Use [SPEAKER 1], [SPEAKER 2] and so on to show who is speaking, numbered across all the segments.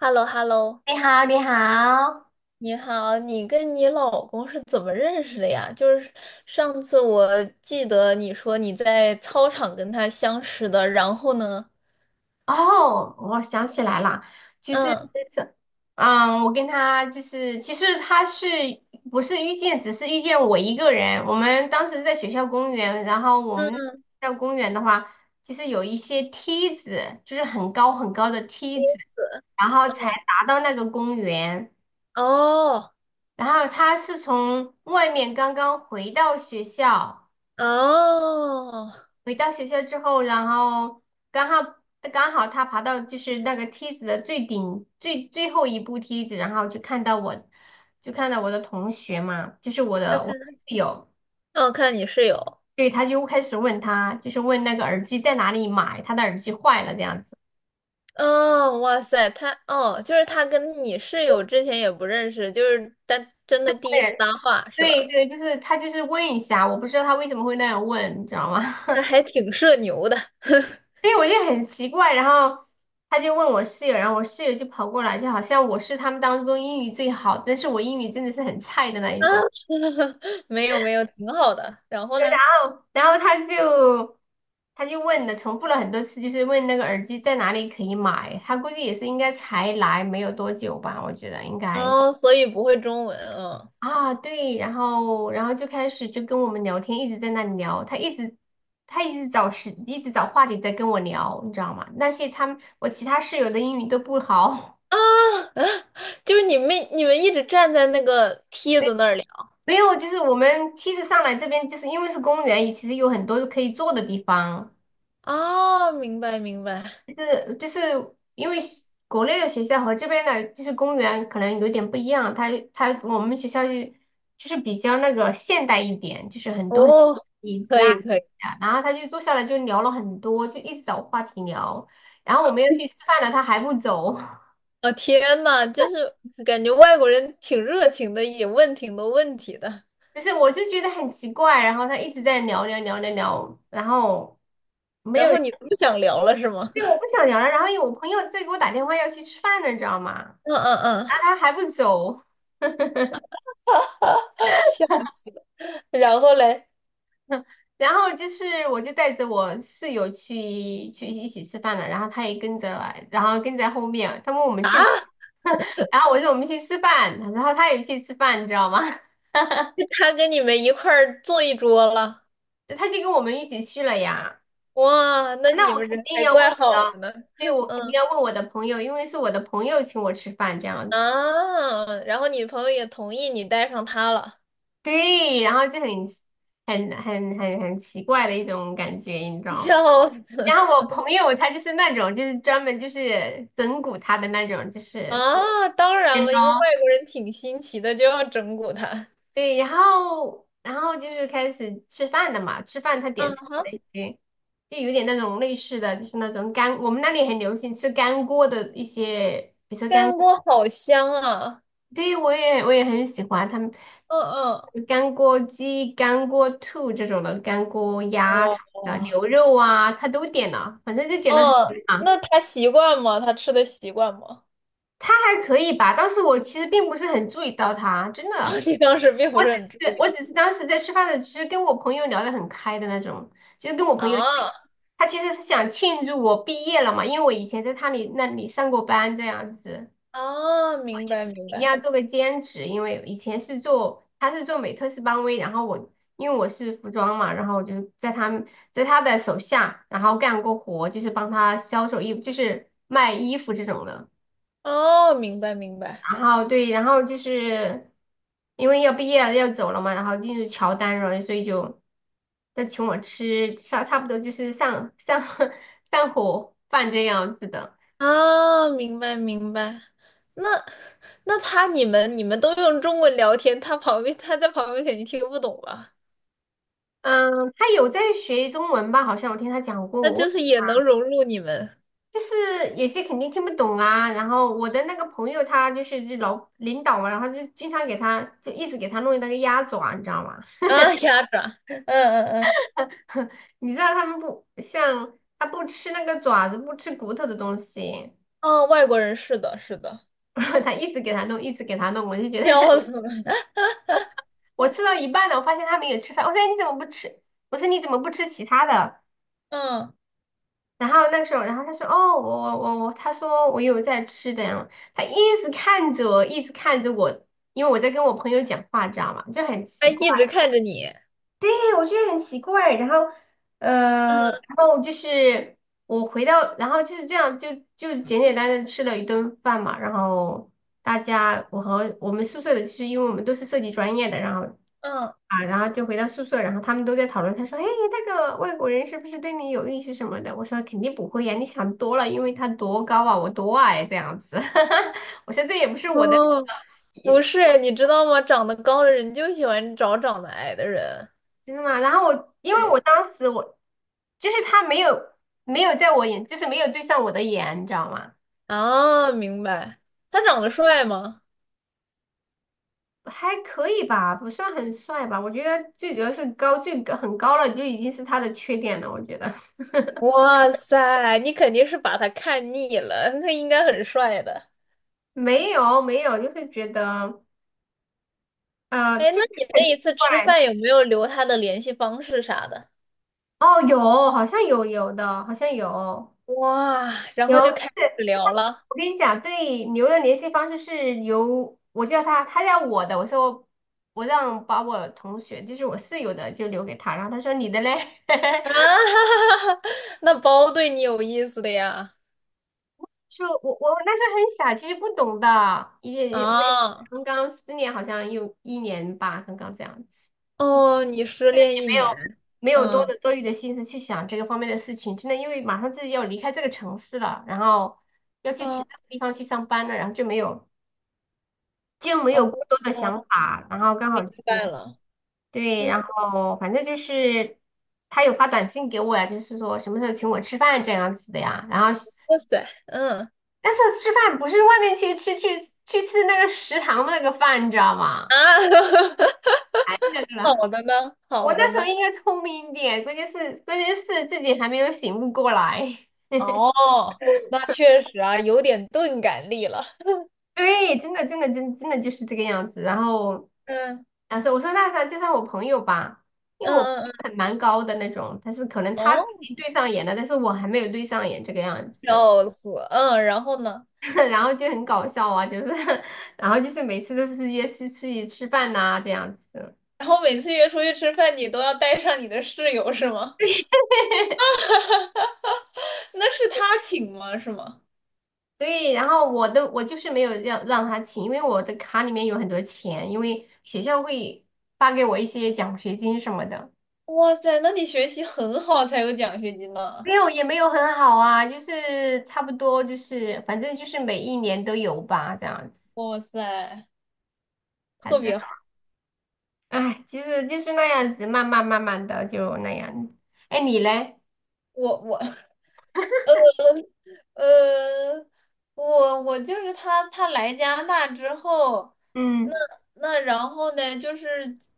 [SPEAKER 1] h e l l o h e l l o
[SPEAKER 2] 你好，你好，
[SPEAKER 1] 你好，你跟你老公是怎么认识的呀？就是上次我记得你说你在操场跟他相识的，然后呢？
[SPEAKER 2] 哦，我想起来了。其实，
[SPEAKER 1] 嗯
[SPEAKER 2] 这，我跟他就是，其实他是不是遇见，只是遇见我一个人。我们当时在学校公园，然后我们学
[SPEAKER 1] 嗯，
[SPEAKER 2] 校公园的话，就是有一些梯子，就是很高很高的梯子，然后才达到那个公园。
[SPEAKER 1] 哦
[SPEAKER 2] 然后他是从外面刚刚回到学校。
[SPEAKER 1] 哦，
[SPEAKER 2] 回到学校之后，然后刚好刚好他爬到就是那个梯子的最顶最最后一步梯子，然后就看到我，就看到我的同学嘛，就是我
[SPEAKER 1] 要
[SPEAKER 2] 的我
[SPEAKER 1] 看
[SPEAKER 2] 室友。
[SPEAKER 1] 哦，看你室友，
[SPEAKER 2] 对，他就开始问他，就是问那个耳机在哪里买，他的耳机坏了这样子。
[SPEAKER 1] 哦，哇塞，就是他跟你室友之前也不认识，就是但真的第一次搭话是
[SPEAKER 2] 对
[SPEAKER 1] 吧？
[SPEAKER 2] 对，就是他就是问一下，我不知道他为什么会那样问，你知道吗？
[SPEAKER 1] 他 还挺社牛的
[SPEAKER 2] 对，我就很奇怪。然后他就问我室友，然后我室友就跑过来，就好像我是他们当中英语最好，但是我英语真的是很菜的那
[SPEAKER 1] 啊，
[SPEAKER 2] 一种。
[SPEAKER 1] 没有没有，挺好的。然后呢？
[SPEAKER 2] 然后他就问了，重复了很多次，就是问那个耳机在哪里可以买。他估计也是应该才来没有多久吧，我觉得应该
[SPEAKER 1] 哦，所以不会中文啊
[SPEAKER 2] 啊，对。然后就开始就跟我们聊天，一直在那里聊，他一直找时，一直找话题在跟我聊，你知道吗？那些他们我其他室友的英语都不好。
[SPEAKER 1] 啊，啊！就是你们一直站在那个 梯
[SPEAKER 2] 没
[SPEAKER 1] 子那儿聊
[SPEAKER 2] 没有，就是我们梯子上来这边，就是因为是公园，其实有很多可以坐的地方。
[SPEAKER 1] 啊，明白明白，
[SPEAKER 2] 就是因为学国内的学校和这边的就是公园可能有点不一样，他我们学校就是比较那个现代一点，就是很多很
[SPEAKER 1] 哦，
[SPEAKER 2] 椅子
[SPEAKER 1] 可
[SPEAKER 2] 啊，
[SPEAKER 1] 以可以，
[SPEAKER 2] 啊然后他就坐下来就聊了很多，就一直找话题聊，然后我们要去吃饭了，他还不走。
[SPEAKER 1] 啊、天呐，就是感觉外国人挺热情的，也问挺多问题的，
[SPEAKER 2] 就是我就觉得很奇怪，然后他一直在聊聊聊聊聊，然后没
[SPEAKER 1] 然
[SPEAKER 2] 有
[SPEAKER 1] 后
[SPEAKER 2] 人。
[SPEAKER 1] 你不想聊了是吗？
[SPEAKER 2] 对，我不 想聊了，然后有我朋友在给我打电话要去吃饭了，你知道吗？
[SPEAKER 1] 嗯嗯
[SPEAKER 2] 然后
[SPEAKER 1] 嗯，
[SPEAKER 2] 他还不走。
[SPEAKER 1] 笑死了，然后嘞
[SPEAKER 2] 然后就是我就带着我室友去一起吃饭了，然后他也跟着来然后跟在后面，他问我们去
[SPEAKER 1] 啊，
[SPEAKER 2] 哪。然后我说我们去吃饭，然后他也去吃饭，你知道吗？
[SPEAKER 1] 他跟你们一块儿坐一桌了，
[SPEAKER 2] 他就跟我们一起去了呀。
[SPEAKER 1] 哇，那你
[SPEAKER 2] 那我
[SPEAKER 1] 们
[SPEAKER 2] 肯
[SPEAKER 1] 人
[SPEAKER 2] 定
[SPEAKER 1] 还
[SPEAKER 2] 要问
[SPEAKER 1] 怪
[SPEAKER 2] 我
[SPEAKER 1] 好
[SPEAKER 2] 的，
[SPEAKER 1] 的呢，
[SPEAKER 2] 对，我肯定
[SPEAKER 1] 嗯。
[SPEAKER 2] 要问我的朋友，因为是我的朋友请我吃饭这样子。
[SPEAKER 1] 啊，然后你朋友也同意你带上他了，
[SPEAKER 2] 对，然后就很很很奇怪的一种感觉，你知 道吗？
[SPEAKER 1] 笑死！
[SPEAKER 2] 然后我朋友他就是那种，就是专门就是整蛊他的那种，就是。
[SPEAKER 1] 啊，当然了，一个外国人挺新奇的，就要整蛊他。
[SPEAKER 2] 对，然后就是开始吃饭了嘛，吃饭他
[SPEAKER 1] 啊
[SPEAKER 2] 点菜的
[SPEAKER 1] 哈，
[SPEAKER 2] 一些，就有点那种类似的，就是那种干，我们那里很流行吃干锅的一些，比如说干，
[SPEAKER 1] 干锅好香啊！
[SPEAKER 2] 对，我也很喜欢他们
[SPEAKER 1] 嗯嗯，
[SPEAKER 2] 干锅鸡、干锅兔这种的，干锅鸭啊、
[SPEAKER 1] 哇，
[SPEAKER 2] 牛肉啊，他都点了，反正就点了很多
[SPEAKER 1] 嗯，
[SPEAKER 2] 嘛。
[SPEAKER 1] 那他习惯吗？他吃的习惯吗？
[SPEAKER 2] 他还可以吧，但是我其实并不是很注意到他，真的。
[SPEAKER 1] 你当时并不
[SPEAKER 2] 我只
[SPEAKER 1] 是很注
[SPEAKER 2] 是
[SPEAKER 1] 意
[SPEAKER 2] 我只是当时在吃饭的，其实跟我朋友聊得很开的那种，就是跟我朋友，因
[SPEAKER 1] 啊
[SPEAKER 2] 为他其实是想庆祝我毕业了嘛，因为我以前在他那里上过班这样子，
[SPEAKER 1] 啊，明白明
[SPEAKER 2] 一样
[SPEAKER 1] 白，
[SPEAKER 2] 做个兼职，因为以前是做他是做美特斯邦威，然后我因为我是服装嘛，然后我就在他们在他的手下，然后干过活，就是帮他销售衣服，就是卖衣服这种的。
[SPEAKER 1] 哦，明白明白。
[SPEAKER 2] 然后对，然后就是因为要毕业了要走了嘛，然后进入乔丹了，所以就他请我吃差不多就是上 上火饭这样子的。
[SPEAKER 1] 啊，明白明白。那他你们都用中文聊天，他旁边他在旁边肯定听不懂吧？
[SPEAKER 2] 嗯，他有在学中文吧？好像我听他讲过，
[SPEAKER 1] 那就
[SPEAKER 2] 我
[SPEAKER 1] 是也能融入你们
[SPEAKER 2] 就是有些肯定听不懂啊。然后我的那个朋友他就是就老领导嘛，然后就经常给他一直给他弄那个鸭爪，你知道吗？
[SPEAKER 1] 啊，鸭爪，嗯嗯嗯，
[SPEAKER 2] 你知道他们不像他不吃那个爪子，不吃骨头的东西。
[SPEAKER 1] 哦，外国人是的，是的，
[SPEAKER 2] 他一直给他弄，一直给他弄，我就觉得。
[SPEAKER 1] 笑死了，
[SPEAKER 2] 我吃到一半了，我发现他没有吃饭，我说哎你怎么不吃？我说你怎么不吃其他的？
[SPEAKER 1] 嗯，
[SPEAKER 2] 然后那个时候，然后他说哦我，他说我有在吃的呀，他一直看着我，一直看着我，因为我在跟我朋友讲话，知道吗？就很
[SPEAKER 1] 他
[SPEAKER 2] 奇怪，
[SPEAKER 1] 一直看着你，
[SPEAKER 2] 哎，我觉得很奇怪。然后
[SPEAKER 1] 嗯，
[SPEAKER 2] 然后就是我回到，然后就是这样，就简简单单地吃了一顿饭嘛，然后。大家，我和我们宿舍的，就是因为我们都是设计专业的，然后
[SPEAKER 1] 嗯，
[SPEAKER 2] 啊，然后就回到宿舍，然后他们都在讨论，他说：“哎，那个外国人是不是对你有意思什么的？”我说：“肯定不会呀，你想多了，因为他多高啊，我多矮这样子。我说：“这也不是我的，
[SPEAKER 1] 哦，不是，你知道吗？长得高的人就喜欢找长得矮的人，
[SPEAKER 2] 真的吗？”然后我因为我
[SPEAKER 1] 对，
[SPEAKER 2] 当时我就是他没有在我眼，就是没有对上我的眼，你知道吗？
[SPEAKER 1] 啊，明白。他长得帅吗？
[SPEAKER 2] 还可以吧，不算很帅吧。我觉得最主要是高，最高很高了就已经是他的缺点了。我觉得
[SPEAKER 1] 哇塞，你肯定是把他看腻了，他应该很帅的。
[SPEAKER 2] 没有没有，就是觉得
[SPEAKER 1] 哎，
[SPEAKER 2] 就
[SPEAKER 1] 那你
[SPEAKER 2] 很
[SPEAKER 1] 那一
[SPEAKER 2] 奇
[SPEAKER 1] 次
[SPEAKER 2] 怪。
[SPEAKER 1] 吃饭有没有留他的联系方式啥的？
[SPEAKER 2] 哦，有，好像有的，好像有
[SPEAKER 1] 哇，然后
[SPEAKER 2] 有。
[SPEAKER 1] 就
[SPEAKER 2] 就
[SPEAKER 1] 开
[SPEAKER 2] 是
[SPEAKER 1] 始聊了
[SPEAKER 2] 我跟你讲，对牛的联系方式是由我叫他，他叫我的。我说我让把我同学，就是我室友的，就留给他。然后他说你的嘞，
[SPEAKER 1] 啊，哈哈哈那包对你有意思的呀？
[SPEAKER 2] 是我那时候很傻，其实不懂的，我也
[SPEAKER 1] 啊，
[SPEAKER 2] 刚刚失恋，好像有一年吧，刚刚这样子，
[SPEAKER 1] 哦，你失恋一
[SPEAKER 2] 没有
[SPEAKER 1] 年，
[SPEAKER 2] 没有多
[SPEAKER 1] 嗯，
[SPEAKER 2] 的多余的心思去想这个方面的事情，真的因为马上自己要离开这个城市了，然后要去其
[SPEAKER 1] 哦
[SPEAKER 2] 他地方去上班了，然后就没有。就没
[SPEAKER 1] 哦
[SPEAKER 2] 有过多的
[SPEAKER 1] 哦，
[SPEAKER 2] 想法，然后刚好
[SPEAKER 1] 明
[SPEAKER 2] 就是
[SPEAKER 1] 白了，
[SPEAKER 2] 对，
[SPEAKER 1] 嗯，
[SPEAKER 2] 然后反正就是他有发短信给我呀，就是说什么时候请我吃饭这样子的呀，然后
[SPEAKER 1] 哇塞，嗯
[SPEAKER 2] 但是吃饭不是外面去吃那个食堂的那个饭，你知道
[SPEAKER 1] 啊，
[SPEAKER 2] 吗？太 那个了，
[SPEAKER 1] 好的呢，
[SPEAKER 2] 我
[SPEAKER 1] 好的
[SPEAKER 2] 那时候
[SPEAKER 1] 呢。
[SPEAKER 2] 应该聪明一点，关键是自己还没有醒悟过来。
[SPEAKER 1] 哦，那确实啊，有点钝感力了。
[SPEAKER 2] 对，真的就是这个样子，然后。
[SPEAKER 1] 嗯
[SPEAKER 2] 啊，所以我说那啥，就绍我朋友吧，因为
[SPEAKER 1] 嗯
[SPEAKER 2] 我朋
[SPEAKER 1] 嗯
[SPEAKER 2] 友
[SPEAKER 1] 嗯，
[SPEAKER 2] 很蛮高的那种，但是可能他
[SPEAKER 1] 哦，
[SPEAKER 2] 已经对上眼了，但是我还没有对上眼这个样子。
[SPEAKER 1] 笑死。嗯，然后呢？
[SPEAKER 2] 然后就很搞笑啊，就是，然后就是每次都是约出去吃饭呐、这样子。
[SPEAKER 1] 然后每次约出去吃饭，你都要带上你的室友是吗？那是他请吗？是吗？
[SPEAKER 2] 对，然后我就是没有让他请，因为我的卡里面有很多钱，因为学校会发给我一些奖学金什么的。
[SPEAKER 1] 哇塞，那你学习很好才有奖学金呢。
[SPEAKER 2] 没有，也没有很好啊，就是差不多，就是反正就是每一年都有吧，这样子。
[SPEAKER 1] 哇塞，
[SPEAKER 2] 反
[SPEAKER 1] 特
[SPEAKER 2] 正。
[SPEAKER 1] 别好。
[SPEAKER 2] 哎，其实就是那样子，慢慢的就那样。哎，你嘞？
[SPEAKER 1] 我 呃，我就是他来加拿大之后，那
[SPEAKER 2] 嗯
[SPEAKER 1] 然后呢，就是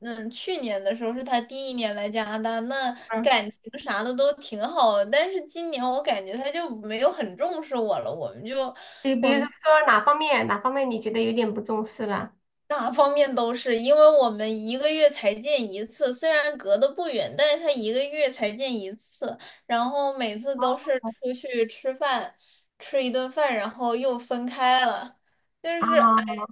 [SPEAKER 1] 嗯，去年的时候是他第一年来加拿大，那
[SPEAKER 2] 嗯，
[SPEAKER 1] 感情啥的都挺好的，但是今年我感觉他就没有很重视我了，我们就
[SPEAKER 2] 比如说哪方面你觉得有点不重视了？
[SPEAKER 1] 哪方面都是，因为我们一个月才见一次，虽然隔得不远，但是他一个月才见一次，然后每次都是出去吃饭，吃一顿饭，然后又分开了，就是
[SPEAKER 2] 啊
[SPEAKER 1] 哎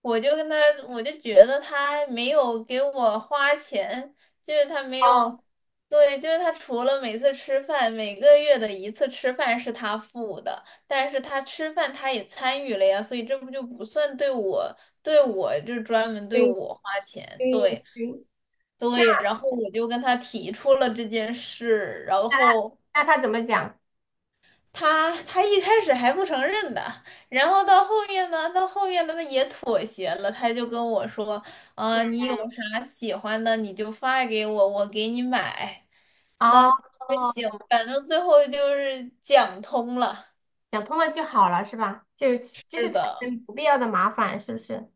[SPEAKER 1] 我就跟他，我就觉得他没有给我花钱，就是他没
[SPEAKER 2] 哦，
[SPEAKER 1] 有，对，就是他除了每次吃饭，每个月的一次吃饭是他付的，但是他吃饭他也参与了呀，所以这不就不算对我，对我就专门对
[SPEAKER 2] 对
[SPEAKER 1] 我花钱，
[SPEAKER 2] 对
[SPEAKER 1] 对。
[SPEAKER 2] 对，那
[SPEAKER 1] 对，然后我就跟他提出了这件事，然
[SPEAKER 2] 那他
[SPEAKER 1] 后
[SPEAKER 2] 那他怎么讲？
[SPEAKER 1] 他一开始还不承认的，然后到后面呢,他也妥协了，他就跟我说，啊、你有啥喜欢的你就发给我，我给你买。
[SPEAKER 2] 哦
[SPEAKER 1] 那就
[SPEAKER 2] 哦，
[SPEAKER 1] 行，反正最后就是讲通了。
[SPEAKER 2] 讲通了就好了是吧？就就
[SPEAKER 1] 是
[SPEAKER 2] 是产
[SPEAKER 1] 的，
[SPEAKER 2] 生不必要的麻烦是不是？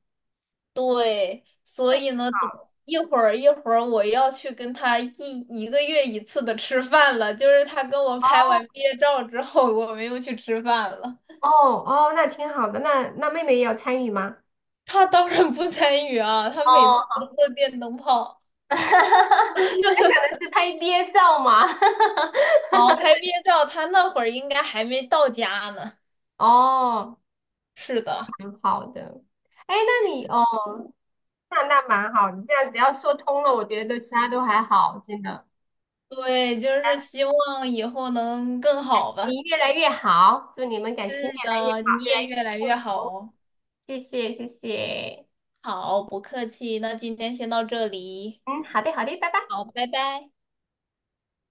[SPEAKER 1] 对，
[SPEAKER 2] 那
[SPEAKER 1] 所以呢，等
[SPEAKER 2] 好。
[SPEAKER 1] 一会儿我要去跟他一个月一次的吃饭了，就是他跟我拍完
[SPEAKER 2] 哦
[SPEAKER 1] 毕业照之后，我们又去吃饭了。
[SPEAKER 2] 哦，那挺好的。那妹妹也有参与吗？
[SPEAKER 1] 他当然不参与啊，他每次
[SPEAKER 2] 哦，
[SPEAKER 1] 都做电灯泡。
[SPEAKER 2] 我在想的是拍毕业照嘛。哈哈哈
[SPEAKER 1] 好，拍毕业照，他那会儿应该还没到家呢。
[SPEAKER 2] 哦，
[SPEAKER 1] 是的，
[SPEAKER 2] 蛮好的。哎，那你哦，那那蛮好，你这样只要说通了，我觉得其他都还好，真的。
[SPEAKER 1] 对，就是
[SPEAKER 2] 感
[SPEAKER 1] 希望以后能更
[SPEAKER 2] 感
[SPEAKER 1] 好吧。
[SPEAKER 2] 情越来越好，祝你们感情
[SPEAKER 1] 是
[SPEAKER 2] 越来越
[SPEAKER 1] 的，
[SPEAKER 2] 好，
[SPEAKER 1] 你
[SPEAKER 2] 越来
[SPEAKER 1] 也
[SPEAKER 2] 越
[SPEAKER 1] 越来越
[SPEAKER 2] 幸
[SPEAKER 1] 好
[SPEAKER 2] 福。
[SPEAKER 1] 哦。
[SPEAKER 2] 谢谢，谢谢。
[SPEAKER 1] 好，不客气，那今天先到这里。
[SPEAKER 2] 嗯，好的，好的，拜拜。
[SPEAKER 1] 好，拜拜。